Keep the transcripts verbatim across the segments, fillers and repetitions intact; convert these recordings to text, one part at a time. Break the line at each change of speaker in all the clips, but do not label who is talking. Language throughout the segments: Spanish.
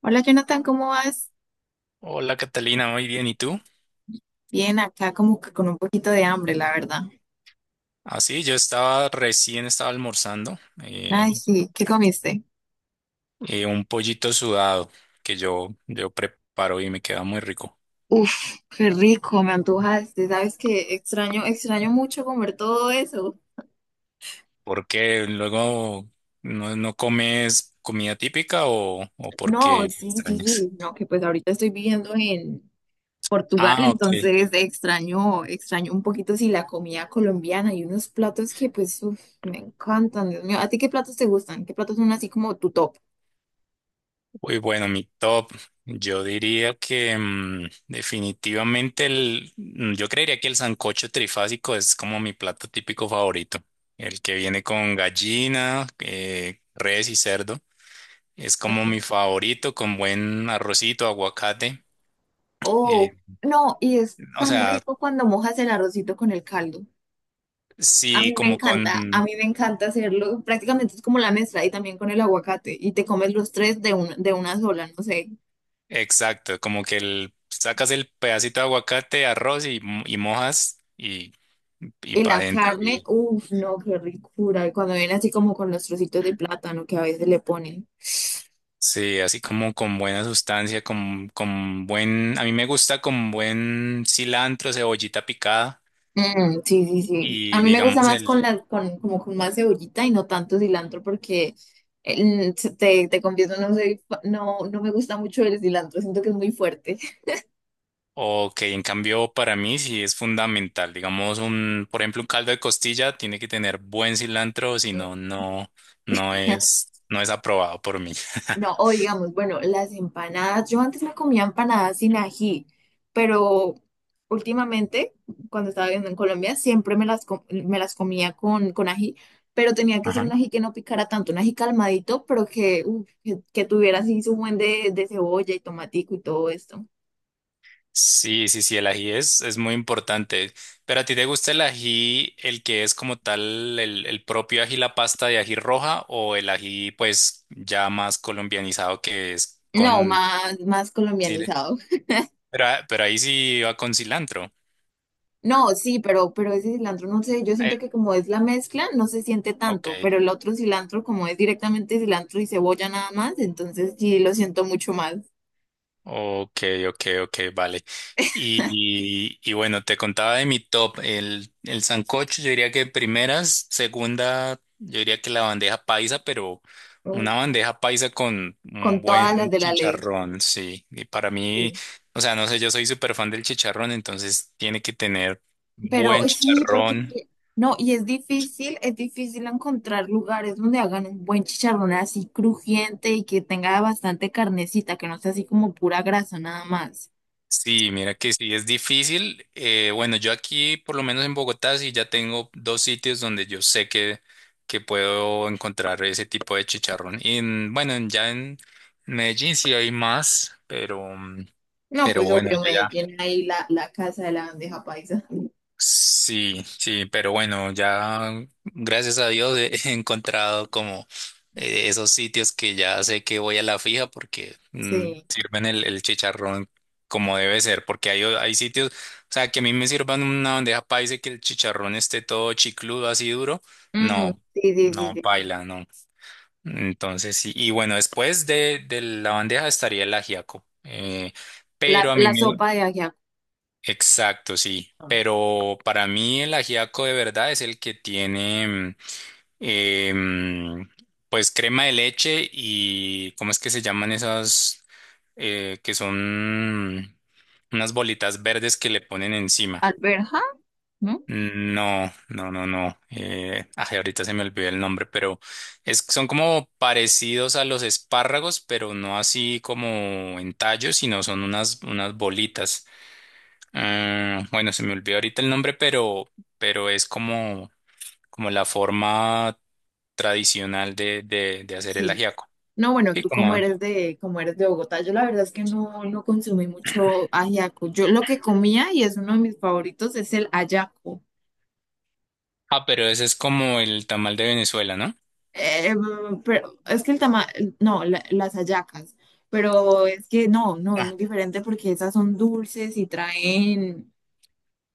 Hola Jonathan, ¿cómo vas?
Hola Catalina, muy bien. ¿Y tú?
Bien, acá como que con un poquito de hambre, la verdad.
Así, yo estaba recién estaba almorzando eh,
Ay, sí, ¿qué comiste?
eh, un pollito sudado que yo, yo preparo y me queda muy rico.
Uf, qué rico, me antojaste. ¿Sabes que Extraño, extraño mucho comer todo eso?
¿Por qué luego no, no comes comida típica o, o por qué
No, sí, sí,
extrañas?
sí. No, que pues ahorita estoy viviendo en Portugal,
Ah, ok.
entonces extraño, extraño un poquito sí la comida colombiana y unos platos que pues uf, me encantan, Dios mío. ¿A ti qué platos te gustan? ¿Qué platos son así como tu top?
Uy, bueno, mi top, yo diría que mm, definitivamente el, mm, yo creería que el sancocho trifásico es como mi plato típico favorito. El que viene con gallina, eh, res y cerdo. Es como
Ujú.
mi favorito con buen arrocito, aguacate.
Oh,
eh,
no, y es
o
tan
sea,
rico cuando mojas el arrocito con el caldo. A
sí,
mí me
como
encanta, a
con,
mí me encanta hacerlo. Prácticamente es como la mezcla y también con el aguacate. Y te comes los tres de, un- de una sola, no sé.
exacto, como que el, sacas el pedacito de aguacate, arroz y, y mojas y, y
Y
para
la
adentro.
carne, uff, no, qué ricura. Y cuando viene así como con los trocitos de plátano que a veces le ponen.
Sí, así como con buena sustancia, con, con buen, a mí me gusta con buen cilantro, cebollita picada
Mm, sí, sí, sí. A
y
mí me gusta
digamos
más con
el,
la, con, como con más cebollita y no tanto cilantro porque eh, mm, se- te, te confieso, no soy, fa- no, no me gusta mucho el cilantro. Siento que es muy fuerte.
o que en cambio para mí sí es fundamental, digamos un, por ejemplo, un caldo de costilla tiene que tener buen cilantro, si
Mm.
no, no, no es, no es aprobado por mí.
No, o digamos, bueno, las empanadas, yo antes me comía empanadas sin ají, pero últimamente, cuando estaba viviendo en Colombia, siempre me las, co- me las comía con, con ají, pero tenía que ser un
Ajá.
ají que no picara tanto, un ají calmadito, pero que, uf, que, que tuviera así su buen de, de cebolla y tomatico y todo esto.
Sí, sí, sí, el ají es, es muy importante. Pero a ti te gusta el ají, el que es como tal, el, el propio ají, la pasta de ají roja, o el ají, pues ya más colombianizado que es
No,
con
más, más
chile.
colombianizado.
Pero, a- pero ahí sí va con cilantro.
No, sí, pero, pero ese cilantro, no sé, yo siento
Eh,
que como es la mezcla, no se siente tanto,
ok.
pero el otro cilantro, como es directamente cilantro y cebolla nada más, entonces sí lo siento mucho más.
Ok, ok, ok, vale. Y, y, y bueno, te contaba de mi top. El, el sancocho, yo diría que primeras, segunda, yo diría que la bandeja paisa, pero
Mm,
una bandeja paisa con
con
un buen
todas las de la ley.
chicharrón, sí. Y para mí,
Sí.
o sea, no sé, yo soy súper fan del chicharrón, entonces tiene que tener
Pero
buen
eh, sí, porque
chicharrón.
que- no, y es difícil, es difícil encontrar lugares donde hagan un buen chicharrón así crujiente y que tenga bastante carnecita, que no sea así como pura grasa nada más.
Sí, mira que sí, es difícil. Eh, bueno, yo aquí, por lo menos en Bogotá, sí ya tengo dos sitios donde yo sé que, que puedo encontrar ese tipo de chicharrón. Y en- bueno, en- ya en Medellín sí hay más, pero, mm,
No,
pero
pues
bueno,
obvio
yo
me
ya.
llena ahí la, la casa de la bandeja paisa.
Sí, sí, pero bueno, ya gracias a Dios he he encontrado como eh, esos sitios que ya sé que voy a la fija porque mm,
Sí.
sirven el, el chicharrón como debe ser, porque hay, o- hay sitios, o sea, que a mí me sirvan una bandeja paisa y que el chicharrón esté todo chicludo, así duro,
Mm,
no,
sí, sí, sí,
no
sí, sí.
baila, no. Entonces sí, y bueno, después de, de la bandeja estaría el ajiaco, eh,
La,
pero a mí
la
me,
sopa de ajiaco.
exacto, sí. Pero para mí el ajiaco de verdad es el que tiene, mm, eh, mm, pues crema de leche y, ¿cómo es que se llaman esas? Eh, que son unas bolitas verdes que le ponen encima.
Alberja, ¿no?
No, no, no, no. Eh, ay, ahorita se me olvidó el nombre, pero es, son como parecidos a los espárragos, pero no así como en tallos, sino son unas, unas bolitas. Mm, bueno, se me olvidó ahorita el nombre, pero, pero es como, como la forma tradicional de, de, de hacer el
Sí.
ajiaco.
No, bueno,
Sí,
tú como
como.
eres de, como eres de Bogotá, yo la verdad es que no, no consumí mucho ajiaco. Yo lo que comía, y es uno de mis favoritos, es el ayaco.
Ah, pero ese es como el tamal de Venezuela, ¿no?
Eh, pero es que el tama, no, la- las hallacas. Pero es que no, no, es muy
Ah,
diferente porque esas son dulces y traen,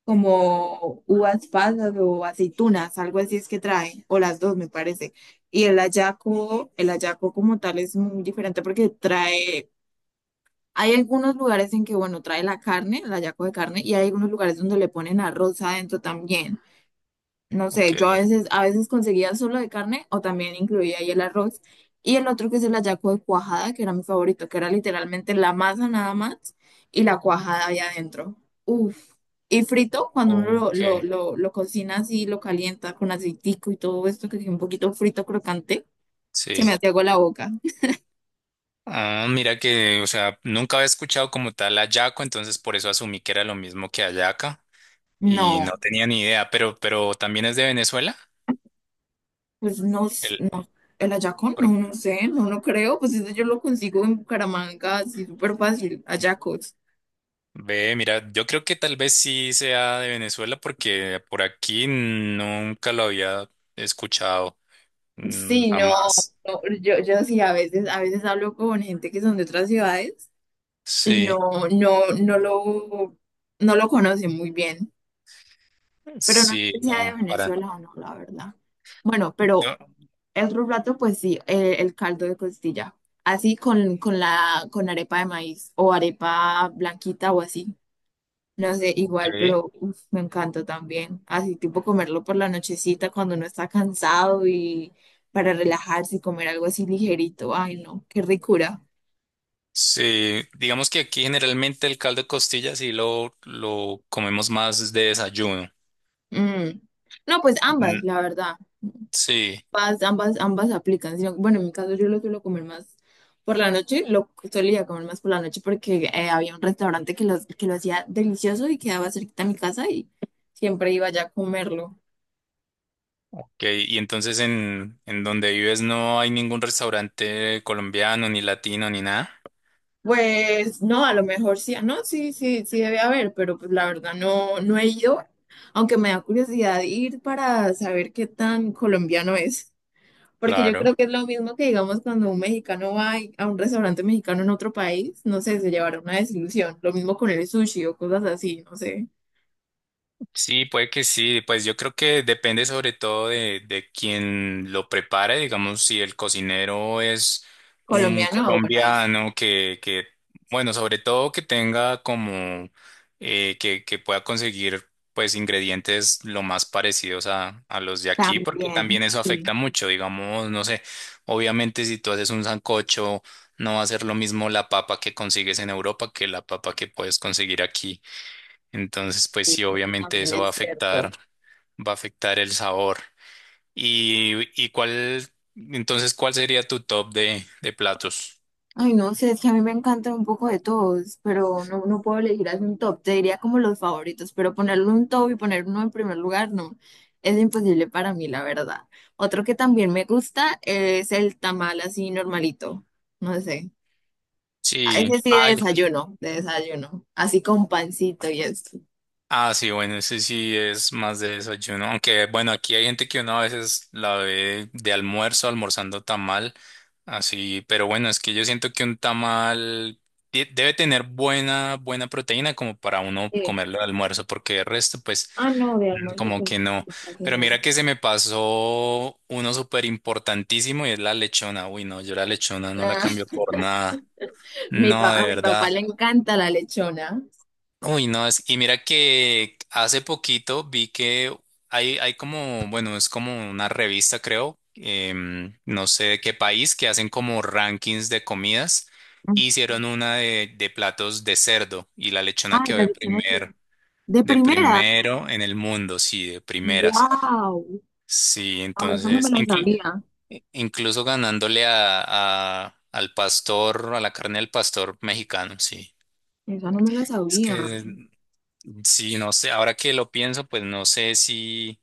como uvas pasas o aceitunas, algo así es que trae, o las dos me parece. Y el hallaco, el hallaco como tal es muy diferente porque trae, hay algunos lugares en que, bueno, trae la carne, el hallaco de carne, y hay algunos lugares donde le ponen arroz adentro también. No sé, yo a
ok.
veces, a veces conseguía solo de carne o también incluía ahí el arroz. Y el otro que es el hallaco de cuajada, que era mi favorito, que era literalmente la masa nada más y la cuajada ahí adentro. Uf. Y frito, cuando uno lo,
Ok.
lo, lo, lo cocina así, lo calienta con aceitico y todo esto, que es un poquito frito crocante, se me
Sí.
hace agua la boca.
Ah, mira que, o sea, nunca había escuchado como tal hallaco, entonces por eso asumí que era lo mismo que hallaca y
No,
no tenía ni idea, pero, pero también es de Venezuela.
pues no, s-
El,
no, el hallaco no, no sé, no, no creo, pues eso yo lo consigo en Bucaramanga, así súper fácil, hallacos.
Ve, mira, yo creo que tal vez sí sea de Venezuela porque por aquí nunca lo había escuchado, mm,
Sí, no,
jamás.
no, yo, yo sí, a veces, a veces hablo con gente que son de otras ciudades y
Sí,
no, no, no lo, no lo conocen muy bien, pero no sé
sí,
si sea de
no, para.
Venezuela o no, la verdad. Bueno, pero
No,
el otro plato, pues sí, eh, el, caldo de costilla, así con, con la, con arepa de maíz o arepa blanquita o así. No sé,
ok.
igual, pero uf, me encanta también. Así tipo comerlo por la nochecita cuando uno está cansado y para relajarse y comer algo así ligerito. Ay, no, qué ricura.
Sí, digamos que aquí generalmente el caldo de costilla sí lo, lo comemos más de desayuno.
Mm. No, pues ambas,
Mm,
la verdad.
sí,
Ambas, ambas, ambas aplican. sino- bueno, en mi caso yo lo suelo comer más por la noche. Lo solía comer más por la noche porque eh, había un restaurante que lo, que lo hacía delicioso y quedaba cerquita a mi casa y siempre iba ya a comerlo.
ok. Y entonces en, en donde vives no hay ningún restaurante colombiano, ni latino, ni nada.
Pues no, a lo mejor sí, ah, no, sí, sí, sí debe haber, pero pues la verdad no, no he ido, aunque me da curiosidad ir para saber qué tan colombiano es, porque yo
Claro.
creo que es lo mismo que digamos cuando un mexicano va y- a un restaurante mexicano en otro país, no sé, se llevará una desilusión, lo mismo con el sushi o cosas así, no sé,
Sí, puede que sí. Pues yo creo que depende sobre todo de, de quien lo prepare. Digamos, si el cocinero es un
colombiano, ah, bueno, ahí sí,
colombiano que, que bueno, sobre todo que tenga como eh, que, que pueda conseguir pues ingredientes lo más parecidos a, a los de aquí, porque
también,
también eso
sí,
afecta mucho. Digamos, no sé, obviamente si tú haces un sancocho, no va a ser lo mismo la papa que consigues en Europa que la papa que puedes conseguir aquí. Entonces, pues
sí,
sí,
sí,
obviamente
también
eso va a
es
afectar,
cierto.
va a afectar el sabor. ¿Y, y cuál, entonces, ¿cuál sería tu top de, de platos?
Ay, no sé, es que a mí me encanta un poco de todos, pero no, no puedo elegir así un top. Te diría como los favoritos, pero ponerle un top y poner uno en primer lugar, no. Es imposible para mí, la verdad. Otro que también me gusta es el tamal así normalito. No sé. Ah,
Sí,
ese sí de
ay.
desayuno, de desayuno. Así con pancito y esto.
Ah, sí, bueno, ese sí es más de desayuno. Aunque, bueno, aquí hay gente que uno a veces la ve de almuerzo, almorzando tamal, así, pero bueno, es que yo siento que un tamal de- debe tener buena, buena proteína como para uno
Sí.
comerlo de almuerzo, porque el resto, pues.
Ah, no, de
Mm,
almuerzo,
como
pues
que no.
casi
Pero
no.
mira que se me pasó uno súper importantísimo y es la lechona. Uy, no, yo la lechona no la
Ah,
cambio por nada.
mi
No,
pa- a
de
mi papá
verdad.
le encanta la lechona.
Uy, no, es... Y mira que hace poquito vi que hay, hay como, bueno, es como una revista, creo, em, no sé de qué país, que hacen como rankings de comidas. Hicieron una de, de platos de cerdo y la lechona
Ah,
quedó
la
de
lechona que...
primer,
De
de
primera.
primero en el mundo, sí, de primeras.
¡Wow!
Sí,
Ah, esa no me
entonces,
la
inclu-
sabía,
incluso ganándole a, a- al pastor, a la carne del pastor mexicano, sí.
esa no me la
Es
sabía.
que, mm, sí, no sé, ahora que lo pienso, pues no sé si,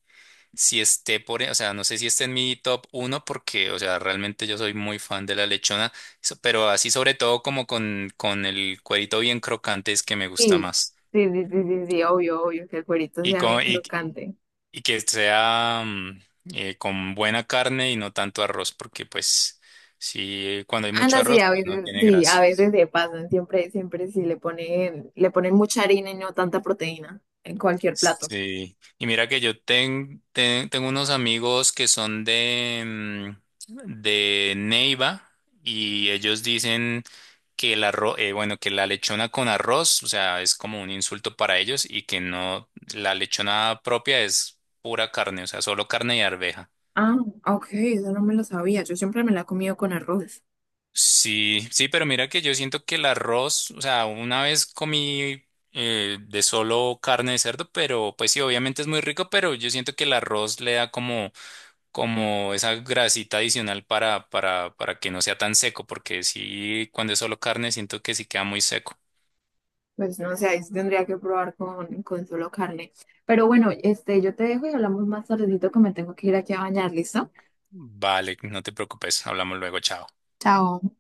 si esté por, e, o sea, no sé si esté en mi top uno, porque, o sea, realmente yo soy muy fan de la lechona, so- pero así sobre todo como con, con el cuerito bien crocante es que me gusta
Sí,
más.
sí, sí, sí, sí, sí, obvio, obvio, que el cuerito
Y
sea bien
con, y,
crocante.
y que sea mm, eh, con buena carne y no tanto arroz, porque pues si cuando hay
Ah,
mucho
no, sí,
arroz
a veces,
no tiene
sí, a
gracia.
veces se pasan, siempre, siempre sí le ponen, le ponen mucha harina y no tanta proteína en cualquier plato.
Sí, y mira que yo ten- ten- tengo unos amigos que son de, mm, de Neiva y ellos dicen que el arroz, eh, bueno, que la lechona con arroz, o sea, es como un insulto para ellos y que no, la lechona propia es pura carne, o sea, solo carne y arveja.
Ah, ok, esa no me la sabía, yo siempre me la he comido con arroz.
Sí, sí, pero mira que yo siento que el arroz, o sea, una vez comí eh, de solo carne de cerdo, pero pues sí, obviamente es muy rico, pero yo siento que el arroz le da como, como esa grasita adicional para, para, para que no sea tan seco, porque sí, cuando es solo carne siento que sí queda muy seco.
Pues no sé, ahí sí tendría que probar con, con solo carne. Pero bueno, este, yo te dejo y hablamos más tardecito que me tengo que ir aquí a bañar, ¿listo?
Vale, no te preocupes, hablamos luego, chao.
Chao.